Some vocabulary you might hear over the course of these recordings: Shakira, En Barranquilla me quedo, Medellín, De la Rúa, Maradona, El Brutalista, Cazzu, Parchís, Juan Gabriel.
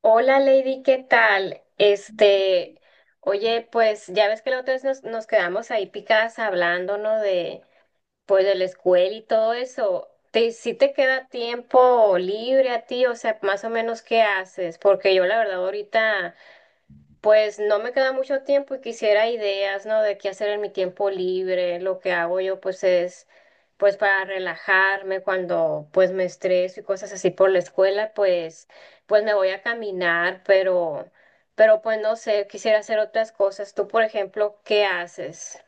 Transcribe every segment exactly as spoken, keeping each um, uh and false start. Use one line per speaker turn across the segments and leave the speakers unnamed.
Hola Lady, ¿qué tal? Este, oye, pues ya ves que la otra vez nos, nos quedamos ahí picadas hablando, ¿no? De, pues de la escuela y todo eso. ¿Te, si te queda tiempo libre a ti? O sea, más o menos, ¿qué haces? Porque yo la verdad ahorita pues no me queda mucho tiempo y quisiera ideas, ¿no? De qué hacer en mi tiempo libre. Lo que hago yo, pues, es, pues, para relajarme cuando, pues, me estreso y cosas así por la escuela, pues, pues me voy a caminar, pero, pero, pues, no sé, quisiera hacer otras cosas. Tú, por ejemplo, ¿qué haces?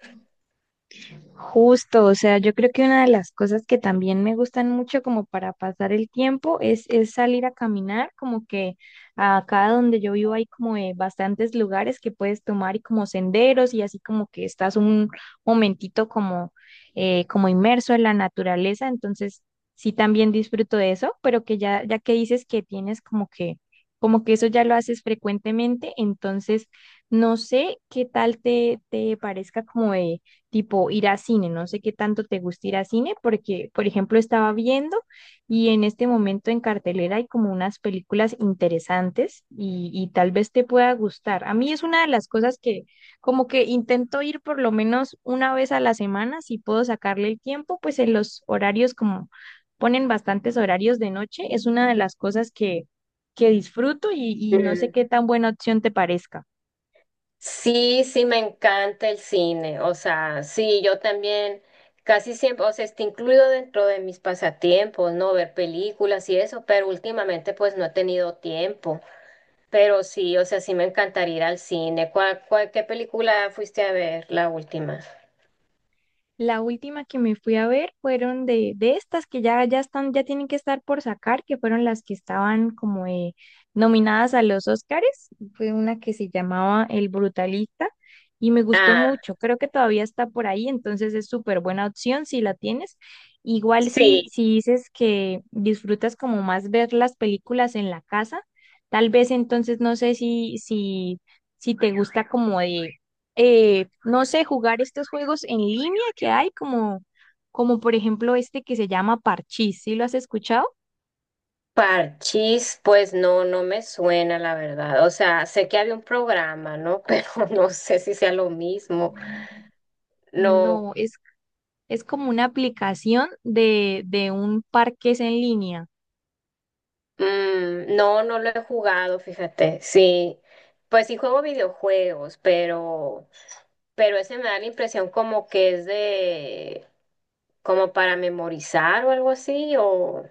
Justo, o sea, yo creo que una de las cosas que también me gustan mucho como para pasar el tiempo es, es salir a caminar, como que acá donde yo vivo hay como eh, bastantes lugares que puedes tomar y como senderos y así como que estás un momentito como, eh, como inmerso en la naturaleza, entonces sí también disfruto de eso, pero que ya, ya que dices que tienes como que, como que eso ya lo haces frecuentemente, entonces no sé qué tal te, te parezca como de tipo ir a cine. No sé qué tanto te gusta ir a cine, porque, por ejemplo, estaba viendo y en este momento en cartelera hay como unas películas interesantes y, y tal vez te pueda gustar. A mí es una de las cosas que como que intento ir por lo menos una vez a la semana, si puedo sacarle el tiempo, pues en los horarios como ponen bastantes horarios de noche, es una de las cosas que, que disfruto y, y no sé
Mm.
qué tan buena opción te parezca.
Sí, sí, me encanta el cine. O sea, sí, yo también casi siempre, o sea, está incluido dentro de mis pasatiempos, ¿no? Ver películas y eso, pero últimamente pues no he tenido tiempo. Pero sí, o sea, sí me encantaría ir al cine. ¿Cuál, cuál- qué película fuiste a ver la última?
La última que me fui a ver fueron de, de estas que ya, ya están, ya tienen que estar por sacar, que fueron las que estaban como eh, nominadas a los Oscars. Fue una que se llamaba El Brutalista y me gustó
Ah,
mucho. Creo que todavía está por ahí, entonces es súper buena opción si la tienes. Igual si,
sí.
si dices que disfrutas como más ver las películas en la casa, tal vez entonces no sé si, si, si te gusta como de eh, no sé, jugar estos juegos en línea que hay, como, como por ejemplo este que se llama Parchís, ¿sí lo has escuchado?
Parchís, pues no, no me suena la verdad. O sea, sé que había un programa, ¿no? Pero no sé si sea lo mismo. No.
No, es, es como una aplicación de, de un parque en línea.
Mm, no, no lo he jugado, fíjate. Sí, pues sí juego videojuegos, pero, pero ese me da la impresión como que es de, como para memorizar o algo así, o,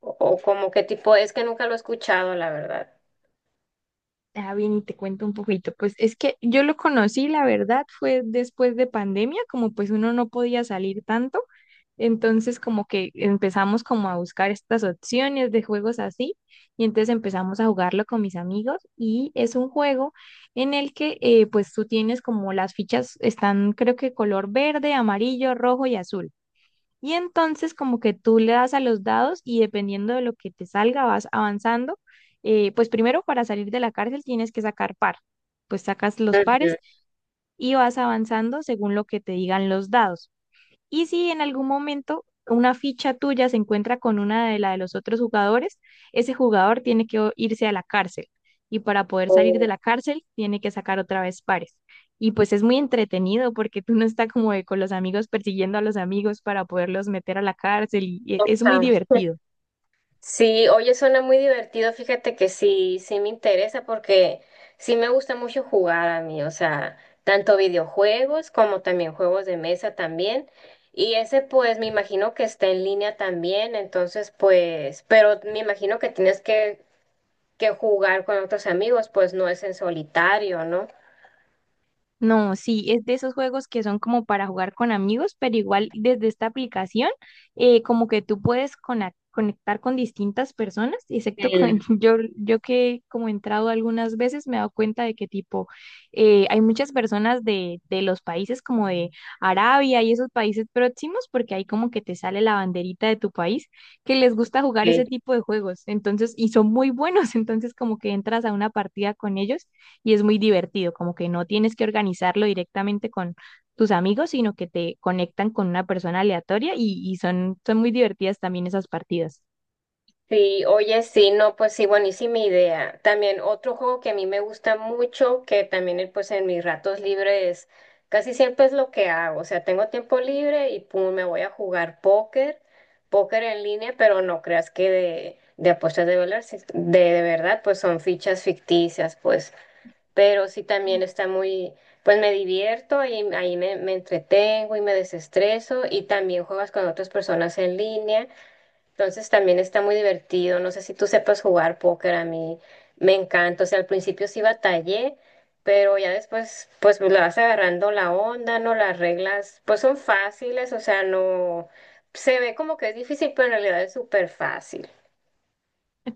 o como qué tipo, es que nunca lo he escuchado, la verdad.
Ah, bien, y te cuento un poquito. Pues es que yo lo conocí, la verdad, fue después de pandemia, como pues uno no podía salir tanto, entonces como que empezamos como a buscar estas opciones de juegos así, y entonces empezamos a jugarlo con mis amigos, y es un juego en el que eh, pues tú tienes como las fichas están creo que color verde, amarillo, rojo y azul. Y entonces como que tú le das a los dados y dependiendo de lo que te salga vas avanzando. Eh, pues primero para salir de la cárcel tienes que sacar par, pues sacas los
Ujú.
pares y vas avanzando según lo que te digan los dados. Y si en algún momento una ficha tuya se encuentra con una de la de los otros jugadores, ese jugador tiene que o- irse a la cárcel. Y para poder salir de
O-
la cárcel, tiene que sacar otra vez pares. Y pues es muy entretenido porque tú no estás como de con los amigos persiguiendo a los amigos para poderlos meter a la cárcel y y es muy
ajá.
divertido.
Sí, oye, suena muy divertido. Fíjate que sí, sí me interesa porque sí me gusta mucho jugar a mí, o sea, tanto videojuegos como también juegos de mesa también. Y ese pues me imagino que está en línea también, entonces pues, pero me imagino que tienes que, que jugar con otros amigos, pues no es en solitario, ¿no?
No, sí, es de esos juegos que son como para jugar con amigos, pero igual desde esta aplicación, eh, como que tú puedes cona conectar con distintas personas, excepto con
Mm.
yo, yo que como he entrado algunas veces me he dado cuenta de que tipo, eh, hay muchas personas de, de los países como de Arabia y esos países próximos, porque ahí como que te sale la banderita de tu país, que les gusta jugar ese
Ok.
tipo de juegos, entonces, y son muy buenos, entonces como que entras a una partida con ellos y es muy divertido, como que no tienes que organizarlo directamente con tus amigos, sino que te conectan con una persona aleatoria y, y son, son muy divertidas también esas partidas.
Sí, oye, sí, no, pues sí, buenísima idea. También otro juego que a mí me gusta mucho, que también eh, pues en mis ratos libres casi siempre es lo que hago. O sea, tengo tiempo libre y pum, me voy a jugar póker, póker en línea, pero no creas que de, de apuestas de dólares, es- de, de verdad, pues son fichas ficticias, pues. Pero sí también está muy, pues me divierto y ahí me, me entretengo y me desestreso y también juegas con otras personas en línea. Entonces también está muy divertido. No sé si tú sepas jugar póker, a mí me encanta. O sea, al principio sí batallé, pero ya después pues le vas agarrando la onda, ¿no? Las reglas pues son fáciles, o sea, no se ve como que es difícil, pero en realidad es súper fácil.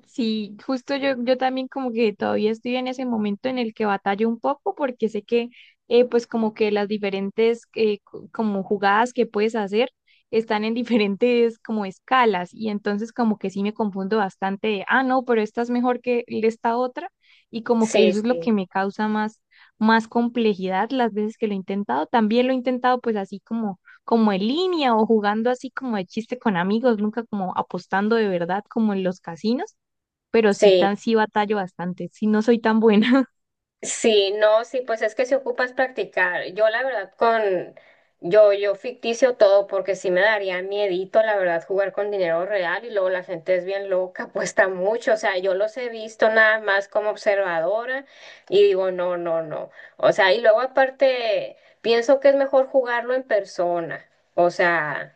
Sí, justo yo, yo también como que todavía estoy en ese momento en el que batallo un poco porque sé que eh, pues como que las diferentes eh, co- como jugadas que puedes hacer están en diferentes como escalas y entonces como que sí me confundo bastante de, ah, no, pero esta es mejor que esta otra y como que
Sí,
eso es lo
sí,
que me causa más, más complejidad las veces que lo he intentado. También lo he intentado pues así como como en línea o jugando así como de chiste con amigos, nunca como apostando de verdad como en los casinos, pero sí
sí.
tan sí batallo bastante, sí no soy tan buena
Sí, no, sí, pues es que si ocupas practicar, yo la verdad con, yo, yo ficticio todo porque sí me daría miedito, la verdad, jugar con dinero real y luego la gente es bien loca, apuesta mucho, o sea, yo los he visto nada más como observadora y digo, no, no, no, o sea, y luego aparte pienso que es mejor jugarlo en persona, o sea,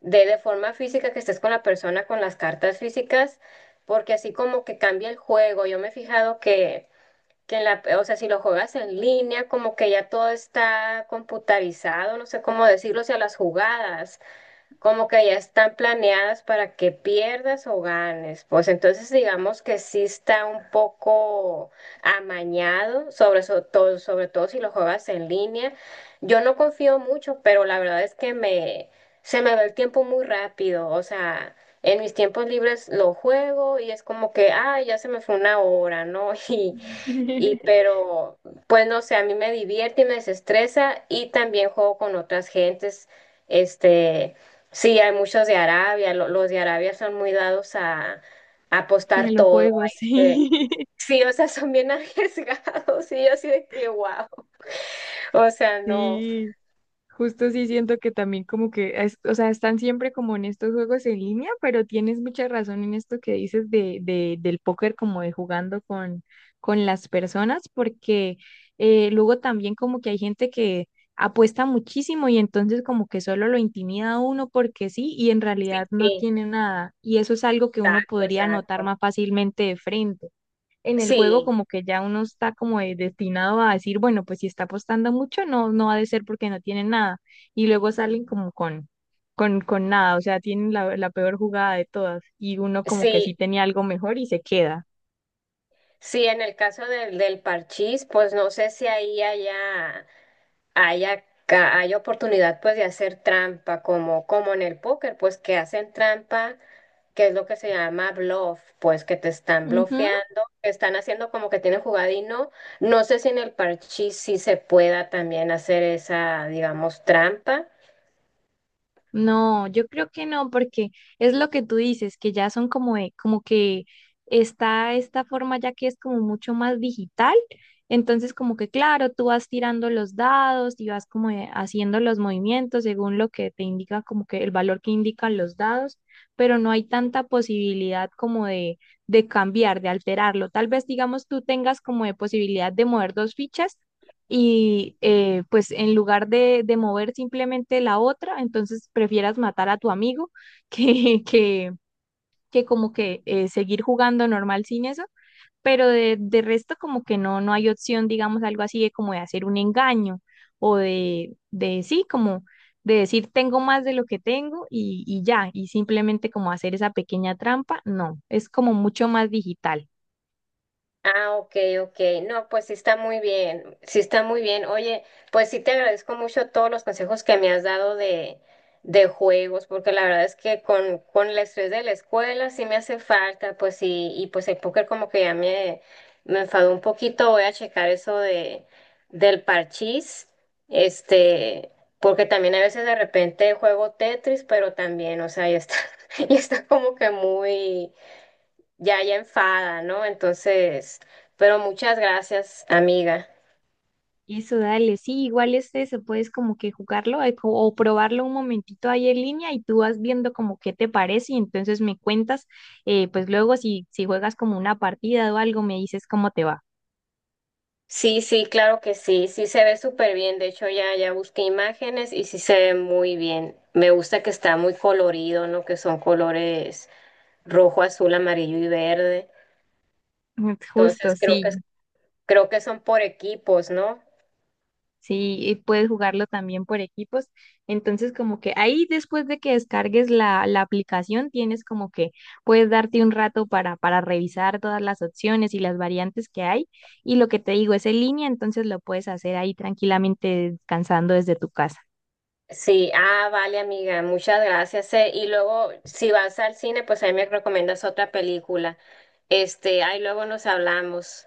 de, de forma física que estés con la persona, con las cartas físicas, porque así como que cambia el juego, yo me he fijado que que en la, o sea, si lo juegas en línea, como que ya todo está computarizado, no sé cómo decirlo, o sea, las jugadas, como que ya están planeadas para que pierdas o ganes. Pues entonces digamos que sí está un poco amañado, sobre so- todo, sobre todo si lo juegas en línea. Yo no confío mucho, pero la verdad es que me, se me va el tiempo muy rápido, o sea, en mis tiempos libres lo juego y es como que, ah, ya se me fue una hora, ¿no? Y, y pero, pues no sé, a mí me divierte y me desestresa y también juego con otras gentes. Este, sí, hay muchos de Arabia, lo- los de Arabia son muy dados a, a
en
apostar
los
todo. a
juegos,
este,
sí.
sí, o sea, son bien arriesgados y yo así de que wow. O sea, no.
Sí. Justo sí siento que también como que, es- o sea, están siempre como en estos juegos en línea, pero tienes mucha razón en esto que dices de, de, del póker, como de jugando con, con las personas, porque eh, luego también como que hay gente que apuesta muchísimo y entonces como que solo lo intimida a uno porque sí y en
Sí,
realidad no
sí,
tiene nada. Y eso es algo que uno
exacto,
podría notar
exacto.
más fácilmente de frente en el juego
Sí,
como que ya uno está como de- destinado a decir, bueno, pues si está apostando mucho, no, no ha de ser porque no tiene nada. Y luego salen como con, con, con nada, o sea, tienen la, la peor jugada de todas y uno como que sí
sí,
tenía algo mejor y se queda.
sí, en el caso del, del parchís, pues no sé si ahí allá. Hay, acá, hay oportunidad pues de hacer trampa, como, como en el póker, pues que hacen trampa, que es lo que se llama bluff, pues que te están
Ujú.
blofeando, que están haciendo como que tienen jugada y no. No sé si en el parchís sí se pueda también hacer esa, digamos, trampa.
No, yo creo que no, porque es lo que tú dices, que ya son como, de- como que está esta forma ya que es como mucho más digital. Entonces, como que claro, tú vas tirando los dados y vas como de- haciendo los movimientos según lo que te indica, como que el valor que indican los dados, pero no hay tanta posibilidad como de, de cambiar, de alterarlo. Tal vez, digamos, tú tengas como de posibilidad de mover dos fichas y eh, pues en lugar de, de mover simplemente la otra, entonces prefieras matar a tu amigo que, que, que como que eh, seguir jugando normal sin eso, pero de, de resto como que no, no hay opción, digamos, algo así de como de hacer un engaño o de, de sí, como de decir tengo más de lo que tengo y, y ya, y simplemente como hacer esa pequeña trampa, no, es como mucho más digital.
Ah, ok, ok. No, pues sí está muy bien, sí está muy bien. Oye, pues sí te agradezco mucho todos los consejos que me has dado de, de juegos, porque la verdad es que con, con el estrés de la escuela sí me hace falta, pues sí, y pues el póker como que ya me, me enfadó un poquito. Voy a checar eso de, del parchís, este, porque también a veces de repente juego Tetris, pero también, o sea, ya está, ya está como que muy ya, ya enfada, ¿no? Entonces, pero muchas gracias, amiga.
Eso, dale, sí, igual este se puedes como que jugarlo eh, co- o probarlo un momentito ahí en línea y tú vas viendo como qué te parece y entonces me cuentas, eh, pues luego si, si juegas como una partida o algo, me dices cómo te va.
Sí, sí, claro que sí, sí se ve súper bien. De hecho, ya, ya busqué imágenes y sí se ve muy bien. Me gusta que está muy colorido, ¿no? Que son colores rojo, azul, amarillo y verde.
Justo,
Entonces, creo que,
sí.
creo que son por equipos, ¿no?
Sí, y puedes jugarlo también por equipos. Entonces, como que ahí después de que descargues la, la aplicación, tienes como que puedes darte un rato para, para revisar todas las opciones y las variantes que hay. Y lo que te digo es en línea, entonces lo puedes hacer ahí tranquilamente descansando desde tu casa.
Sí, ah, vale, amiga, muchas gracias. eh. Y luego, si vas al cine, pues ahí me recomiendas otra película. Este, ahí luego nos hablamos.